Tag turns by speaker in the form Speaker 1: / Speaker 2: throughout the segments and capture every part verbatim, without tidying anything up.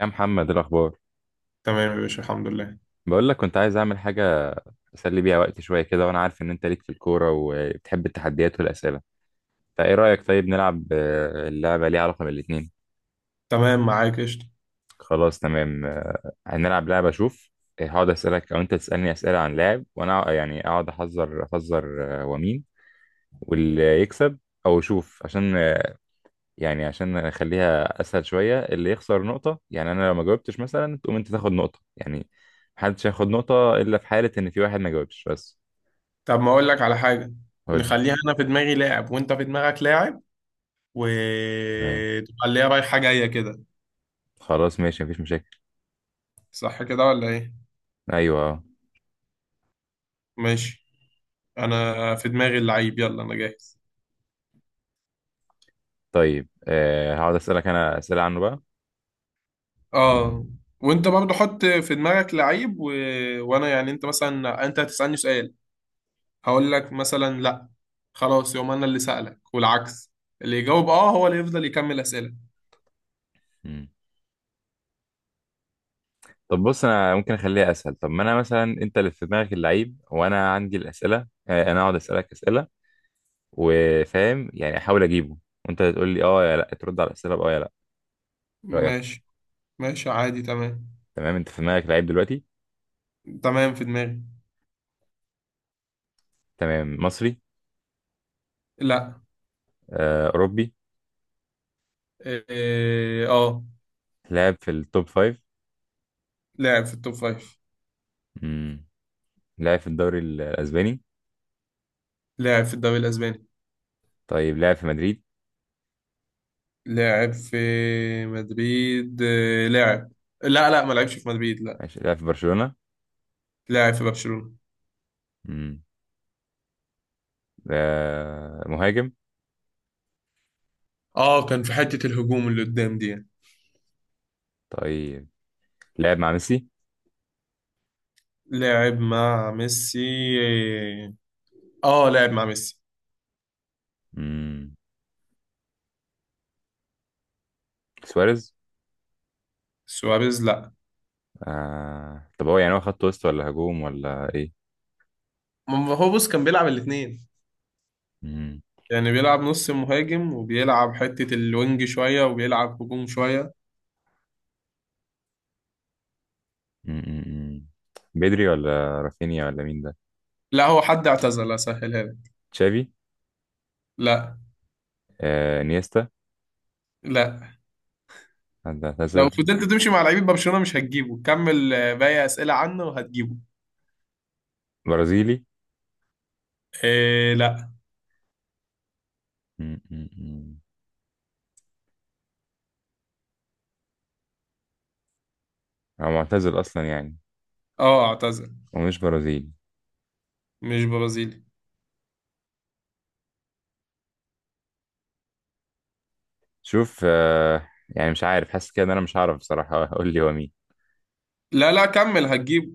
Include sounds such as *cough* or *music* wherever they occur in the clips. Speaker 1: يا محمد، إيه الاخبار؟
Speaker 2: تمام يا باشا، الحمد لله.
Speaker 1: بقول لك كنت عايز اعمل حاجه اسلي بيها وقتي شويه كده، وانا عارف ان انت ليك في الكوره وبتحب التحديات والاسئله. فايه رايك، طيب نلعب، آه، اللعبه ليها علاقه بالاثنين.
Speaker 2: تمام معاك قشطة.
Speaker 1: خلاص تمام. آه، هنلعب لعبه اشوف. آه، هقعد اسالك او انت تسالني اسئله عن لاعب، وانا أق- يعني اقعد احذر احذر آه، ومين واللي يكسب. او اشوف عشان آه، يعني عشان اخليها اسهل شويه، اللي يخسر نقطه يعني. انا لو ما جاوبتش مثلا تقوم انت تاخد نقطه يعني. محدش هياخد نقطه الا في حاله ان في واحد ما جاوبش بس.
Speaker 2: طب ما اقول لك على حاجة،
Speaker 1: قولي.
Speaker 2: نخليها انا في دماغي لاعب وانت في دماغك لاعب،
Speaker 1: تمام.
Speaker 2: وتبقى اللي هي رايحة جاية كده.
Speaker 1: خلاص ماشي مفيش مشاكل.
Speaker 2: صح كده ولا ايه؟
Speaker 1: ايوه آه.
Speaker 2: ماشي. انا في دماغي اللعيب، يلا انا جاهز.
Speaker 1: طيب آه هقعد اسالك انا اسئله عنه بقى.
Speaker 2: اه. وانت برضو حط في دماغك لعيب و... وانا يعني انت مثلا انت هتسألني سؤال، هقول لك مثلا لا، خلاص يوم انا اللي سألك والعكس. اللي يجاوب اه هو اللي يفضل يكمل أسئلة.
Speaker 1: مم. طب بص، انا ممكن اخليها اسهل. طب ما انا مثلا، انت اللي في دماغك اللعيب وانا عندي الاسئله. آه انا اقعد اسالك اسئله وفاهم يعني احاول اجيبه، وانت تقول لي اه يا لا. ترد على الاسئله باه يا لا. إيه رايك؟
Speaker 2: ماشي. ماشي عادي، تمام.
Speaker 1: تمام. انت في دماغك لعيب دلوقتي؟
Speaker 2: تمام، في دماغي.
Speaker 1: تمام. مصري؟
Speaker 2: لا.
Speaker 1: آه، اوروبي؟
Speaker 2: إيه، اه.
Speaker 1: لعب في التوب فايف؟
Speaker 2: لاعب في التوب فايف.
Speaker 1: مم. لعب في الدوري الاسباني؟
Speaker 2: لاعب في الدوري الاسباني.
Speaker 1: طيب لعب في مدريد؟
Speaker 2: لاعب في مدريد، إيه، لاعب، لا لا ما لعبش في مدريد، لا.
Speaker 1: عش- لعب في برشلونه؟
Speaker 2: لاعب في برشلونة.
Speaker 1: مم. آه، مهاجم؟
Speaker 2: اه، كان في حتة الهجوم اللي قدام دي يعني.
Speaker 1: طيب لعب مع ميسي؟
Speaker 2: لاعب مع ميسي، إيه، اه لاعب مع ميسي.
Speaker 1: مم. سواريز؟
Speaker 2: سواريز لا.
Speaker 1: آه. طب هو يعني هو خط وسط ولا هجوم ولا ايه؟
Speaker 2: ما هو بص كان بيلعب الاثنين،
Speaker 1: مم.
Speaker 2: يعني بيلعب نص مهاجم وبيلعب حتة الوينج شوية وبيلعب هجوم شوية.
Speaker 1: مم. مم. مم. بدري ولا رافينيا ولا مين ده؟
Speaker 2: لا هو حد اعتزل، اسهلها لك.
Speaker 1: تشافي؟
Speaker 2: لا.
Speaker 1: آه. نيستا؟
Speaker 2: لا.
Speaker 1: حد اعتزل؟
Speaker 2: لو فضلت تمشي مع لعيبه برشلونه مش هتجيبه، كمل آه، باقي اسئله عنه وهتجيبه.
Speaker 1: برازيلي؟
Speaker 2: إيه لا.
Speaker 1: مم. مم. مم. هو معتزل اصلا يعني؟
Speaker 2: اه اعتزل.
Speaker 1: ومش برازيلي؟
Speaker 2: مش برازيلي.
Speaker 1: شوف آه. يعني مش عارف، حاسس كده ان انا مش هعرف بصراحة اقول *laughs* لي هو مين.
Speaker 2: لا لا كمل هتجيبه.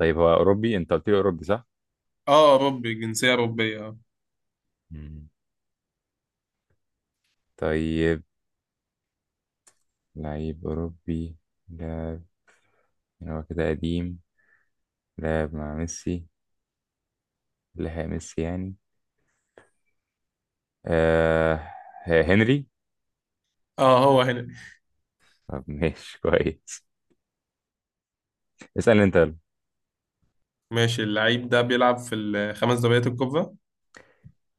Speaker 1: طيب هو اوروبي، انت قلت لي اوروبي صح؟
Speaker 2: اه اوروبي، جنسيه اوروبيه اه.
Speaker 1: مم. طيب لعيب اوروبي. لا. يعني هو كده قديم. لعب مع ميسي، لحق ميسي يعني. آه، هنري.
Speaker 2: اه هو هنا.
Speaker 1: طب ماشي *laughs* كويس. اسأل انت يلا.
Speaker 2: ماشي، اللعيب ده بيلعب في الخمس دوريات الكبرى.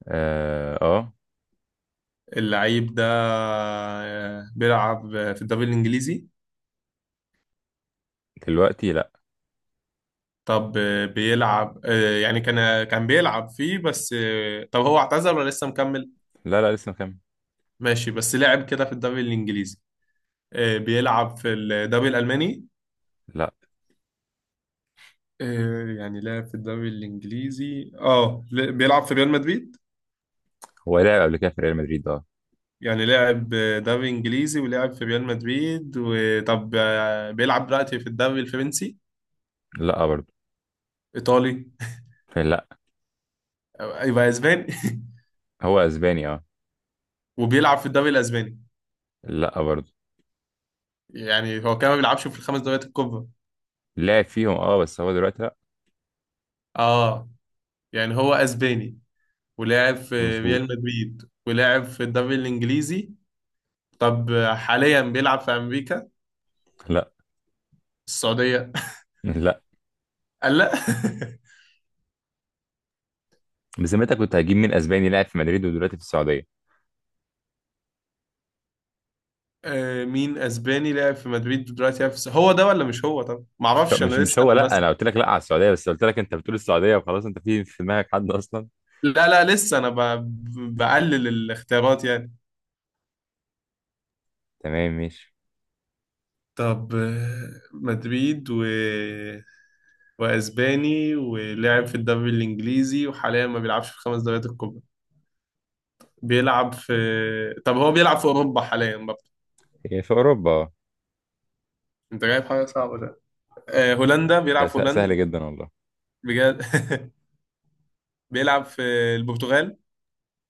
Speaker 1: اه آه.
Speaker 2: اللعيب ده آه، بيلعب في الدوري الانجليزي.
Speaker 1: دلوقتي لا.
Speaker 2: طب آه، بيلعب، آه، يعني كان كان بيلعب فيه بس، آه، طب هو اعتزل ولا لسه مكمل؟
Speaker 1: لا لا لسه مكمل.
Speaker 2: ماشي، بس لعب كده في الدوري الانجليزي. آه، بيلعب في الدوري الالماني؟
Speaker 1: لا.
Speaker 2: آه، يعني لاعب في الدوري الإنجليزي اه، ل- بيلعب في ريال مدريد.
Speaker 1: هو لعب قبل كده في ريال مدريد اه.
Speaker 2: يعني لاعب آه، دوري إنجليزي ولاعب في ريال مدريد، وطب آه، بيلعب دلوقتي في الدوري الفرنسي؟
Speaker 1: لا برضه.
Speaker 2: إيطالي؟
Speaker 1: لا.
Speaker 2: آه، يبقى أسباني. *laughs*
Speaker 1: هو اسباني اه.
Speaker 2: وبيلعب في الدوري الأسباني.
Speaker 1: لا برضه.
Speaker 2: يعني هو كمان ما بيلعبش في الخمس دوريات الكبرى.
Speaker 1: لعب فيهم اه بس هو دلوقتي لا.
Speaker 2: اه. يعني هو أسباني ولاعب في ريال
Speaker 1: مظبوط.
Speaker 2: مدريد ولاعب في الدوري الإنجليزي. طب آه، حاليا بيلعب في أمريكا؟
Speaker 1: لا.
Speaker 2: السعودية؟
Speaker 1: لا.
Speaker 2: *laughs* قال لا. *laughs*
Speaker 1: بذمتك كنت هجيب مين اسباني لاعب في مدريد ودلوقتي في السعوديه؟
Speaker 2: آه، مين اسباني لعب في مدريد ودلوقتي لعب في الس- هو ده ولا مش هو؟ طب ما
Speaker 1: مش هو-
Speaker 2: اعرفش انا،
Speaker 1: مش
Speaker 2: لسه
Speaker 1: مش هو
Speaker 2: انا
Speaker 1: لا،
Speaker 2: بس،
Speaker 1: انا قلت لك لا على السعوديه، بس قلت لك انت بتقول السعوديه وخلاص، انت في في دماغك حد اصلا.
Speaker 2: لا لا لسه انا ب... بقلل الاختيارات يعني.
Speaker 1: تمام ماشي.
Speaker 2: طب آه، مدريد و واسباني ولعب في الدوري الانجليزي وحاليا ما بيلعبش في الخمس دوريات الكبرى، بيلعب في، طب هو بيلعب في اوروبا حاليا برضه؟
Speaker 1: هي في أوروبا اه.
Speaker 2: انت جايب حاجه صعبه ده. آه، هولندا،
Speaker 1: ده
Speaker 2: بيلعب في
Speaker 1: س-
Speaker 2: هولندا؟
Speaker 1: سهل جدا والله.
Speaker 2: بجد. *laughs* بيلعب في البرتغال؟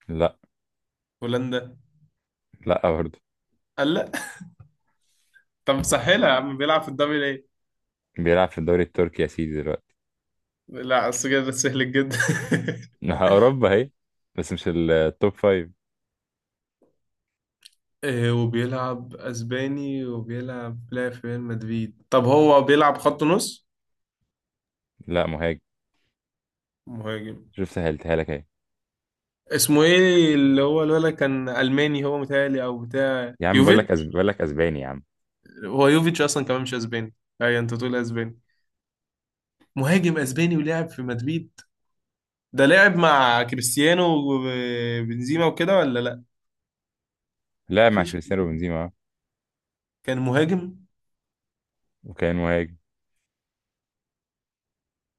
Speaker 1: لا.
Speaker 2: هولندا؟
Speaker 1: لا برضه.
Speaker 2: قال لا. طب سهلها يا عم، بيلعب في الدوري ليه؟
Speaker 1: بيلعب في الدوري التركي يا سيدي دلوقتي.
Speaker 2: لا، السجاير ده سهل جدا. *laughs*
Speaker 1: ما هي أوروبا هي، بس مش التوب فايف.
Speaker 2: آه، وبيلعب اسباني وبيلعب لا في ريال مدريد، طب هو بيلعب خط نص؟
Speaker 1: لا، مهاجم.
Speaker 2: مهاجم.
Speaker 1: شوف سهلتها لك اهي.
Speaker 2: اسمه ايه، اللي هو الولد كان الماني، هو متهيألي او بتاع
Speaker 1: يا عم بقول لك
Speaker 2: يوفيتش.
Speaker 1: أسب... بقول لك أسباني يا عم.
Speaker 2: هو يوفيتش اصلا كمان مش اسباني، اي انت تقول اسباني. مهاجم اسباني ولعب في مدريد، ده لعب مع كريستيانو وبنزيما وكده ولا لا؟
Speaker 1: لا، مع
Speaker 2: مفيش.
Speaker 1: كريستيانو بنزيما آه.
Speaker 2: كان مهاجم.
Speaker 1: وكان مهاجم.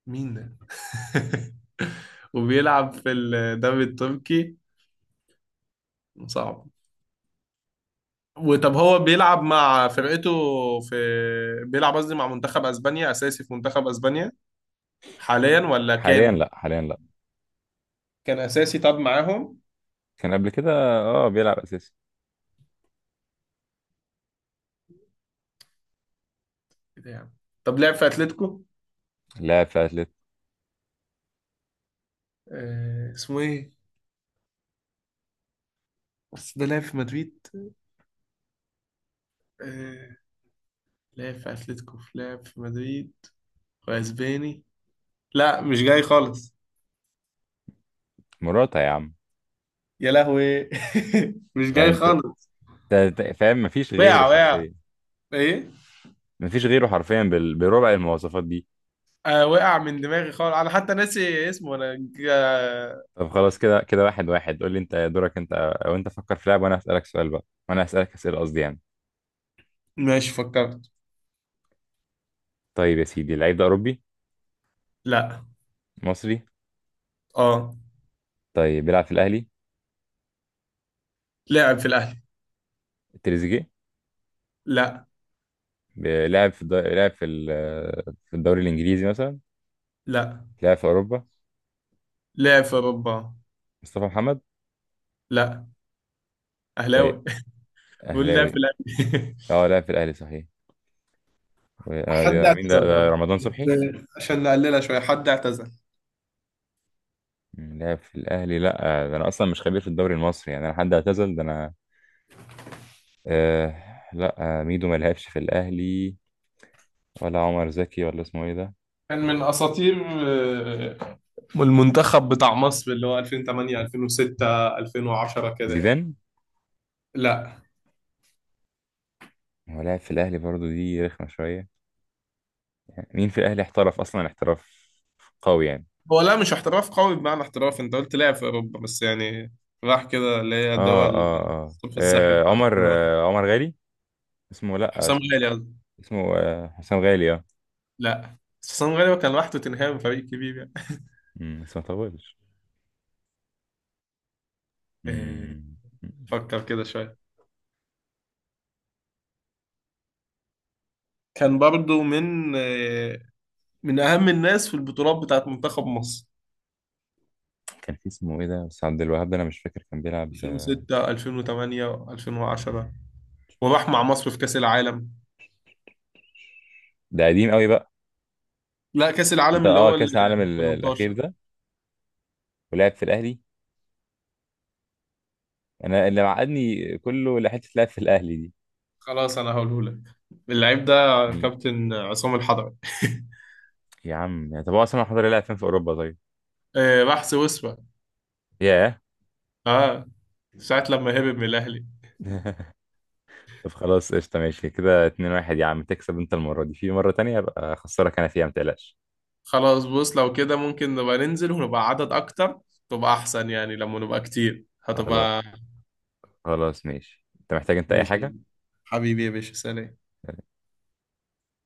Speaker 2: مين ده؟ *laughs* وبيلعب في الدوري التركي. صعب. وطب هو بيلعب مع فرقته في، بيلعب قصدي مع منتخب اسبانيا، اساسي في منتخب اسبانيا حاليا ولا
Speaker 1: حاليا
Speaker 2: كان؟
Speaker 1: لا، حاليا لا.
Speaker 2: كان اساسي طب معاهم.
Speaker 1: كان قبل كده. اه بيلعب أساسي.
Speaker 2: إيه ده يعني؟ طب لعب في اتلتيكو؟
Speaker 1: لاعب في أتلت.
Speaker 2: آه اسمه ايه، بس ده لعب في مدريد، آه لعب في اتلتيكو لعب في مدريد واسباني، لا مش جاي خالص.
Speaker 1: مراتا يا عم.
Speaker 2: يا لهوي. *laughs* مش
Speaker 1: يعني
Speaker 2: جاي
Speaker 1: أنت، أنت-
Speaker 2: خالص.
Speaker 1: أنت فاهم مفيش غيره
Speaker 2: وقع وقع.
Speaker 1: حرفيا.
Speaker 2: ايه؟
Speaker 1: مفيش غيره حرفيا بال... بربع المواصفات دي.
Speaker 2: آه وقع من دماغي خالص، انا حتى ناسي اسمه، انا ج- آه،
Speaker 1: طب خلاص كده كده، واحد واحد قول لي، انت دورك انت، او انت فكر في لعب وانا هسألك سؤال بقى، وانا هسألك أسئلة قصدي يعني.
Speaker 2: ماشي، فكرت.
Speaker 1: طيب يا سيدي، اللعيب ده اوروبي؟
Speaker 2: لا.
Speaker 1: مصري؟
Speaker 2: اه.
Speaker 1: طيب بيلعب في الاهلي؟
Speaker 2: لاعب في الاهلي.
Speaker 1: تريزيجيه؟
Speaker 2: لا.
Speaker 1: ب- لعب في الد... لعب في ال... في الدوري الانجليزي مثلا؟
Speaker 2: لا.
Speaker 1: لعب في اوروبا؟
Speaker 2: لاعب في اوروبا.
Speaker 1: مصطفى محمد؟
Speaker 2: لا.
Speaker 1: طيب.
Speaker 2: اهلاوي. *laughs* بقول لاعب
Speaker 1: اهلاوي.
Speaker 2: في الاهلي.
Speaker 1: اه، لعب في الاهلي صحيح. و...
Speaker 2: *laughs*
Speaker 1: آه،
Speaker 2: حد
Speaker 1: ده مين ده،
Speaker 2: اعتزل
Speaker 1: ده
Speaker 2: طبعا،
Speaker 1: رمضان صبحي؟
Speaker 2: عشان عشان نقللها شوية، حد اعتزل.
Speaker 1: مم، لعب في الاهلي لا. آه، ده انا اصلا مش خبير في الدوري المصري يعني، انا حد اعتزل ده انا آه... لا. آه، ميدو ما لعبش في الاهلي ولا عمر زكي، ولا اسمه ايه ده؟
Speaker 2: كان من أساطير آه، المنتخب بتاع مصر، اللي هو ألفين وتمانية ألفين وستة ألفين وعشرة كده يعني.
Speaker 1: زيدان؟
Speaker 2: لا،
Speaker 1: هو لاعب في الاهلي برضه، دي رخمه شويه. مين في الاهلي احترف اصلا احتراف قوي يعني؟
Speaker 2: هو لا مش احتراف قوي بمعنى احتراف، انت قلت لعب في أوروبا بس يعني، راح كده اللي هي
Speaker 1: اه
Speaker 2: الدول.
Speaker 1: اه اه،
Speaker 2: الصف الساحل
Speaker 1: آه
Speaker 2: بتاع
Speaker 1: عمر،
Speaker 2: الكورة.
Speaker 1: آه عمر غالي. اسمه، لا
Speaker 2: حسام
Speaker 1: اسمه،
Speaker 2: غالي قصدي.
Speaker 1: اسمه آه حسام غالي اه.
Speaker 2: لا. حسام غالي هو كان راح توتنهام، فريق كبير يعني.
Speaker 1: أمم، بس ما طولش.
Speaker 2: *laughs* آه،
Speaker 1: أمم،
Speaker 2: فكر كده شوية. كان برضو من آه، من أهم الناس في البطولات بتاعت منتخب مصر
Speaker 1: كان في اسمه ايه ده بس، عبد الوهاب ده انا مش فاكر كان بيلعب.
Speaker 2: ألفين وستة ألفين وتمانية ألفين وعشرة، وراح مع مصر في كأس العالم.
Speaker 1: ده قديم قوي بقى.
Speaker 2: لا، كأس
Speaker 1: انت
Speaker 2: العالم اللي
Speaker 1: اه
Speaker 2: هو ال
Speaker 1: كاس العالم ال- الاخير
Speaker 2: تمنتاشر.
Speaker 1: ده ولعب في الاهلي. انا اللي معقدني كله لحته لعب في الاهلي دي.
Speaker 2: خلاص أنا هقوله لك، اللعيب ده
Speaker 1: مين؟
Speaker 2: كابتن عصام الحضري. *laughs*
Speaker 1: يا عم طب هو اصلا حضري لعب فين في اوروبا طيب؟
Speaker 2: آه، راح سويسرا
Speaker 1: ياه.
Speaker 2: اه، ساعة لما هرب من الأهلي.
Speaker 1: *laughs* طب خلاص قشطة ماشي كده، اتنين واحد يا عم تكسب انت المرة دي، في مرة تانية ابقى اخسرك انا فيها متقلقش.
Speaker 2: خلاص بص، لو كده ممكن نبقى ننزل ونبقى عدد أكتر، تبقى أحسن، يعني لما نبقى كتير
Speaker 1: خلاص.
Speaker 2: هتبقى.
Speaker 1: خلاص ماشي. انت محتاج انت اي
Speaker 2: ماشي.
Speaker 1: حاجة؟
Speaker 2: حبيبي يا باشا، سلام.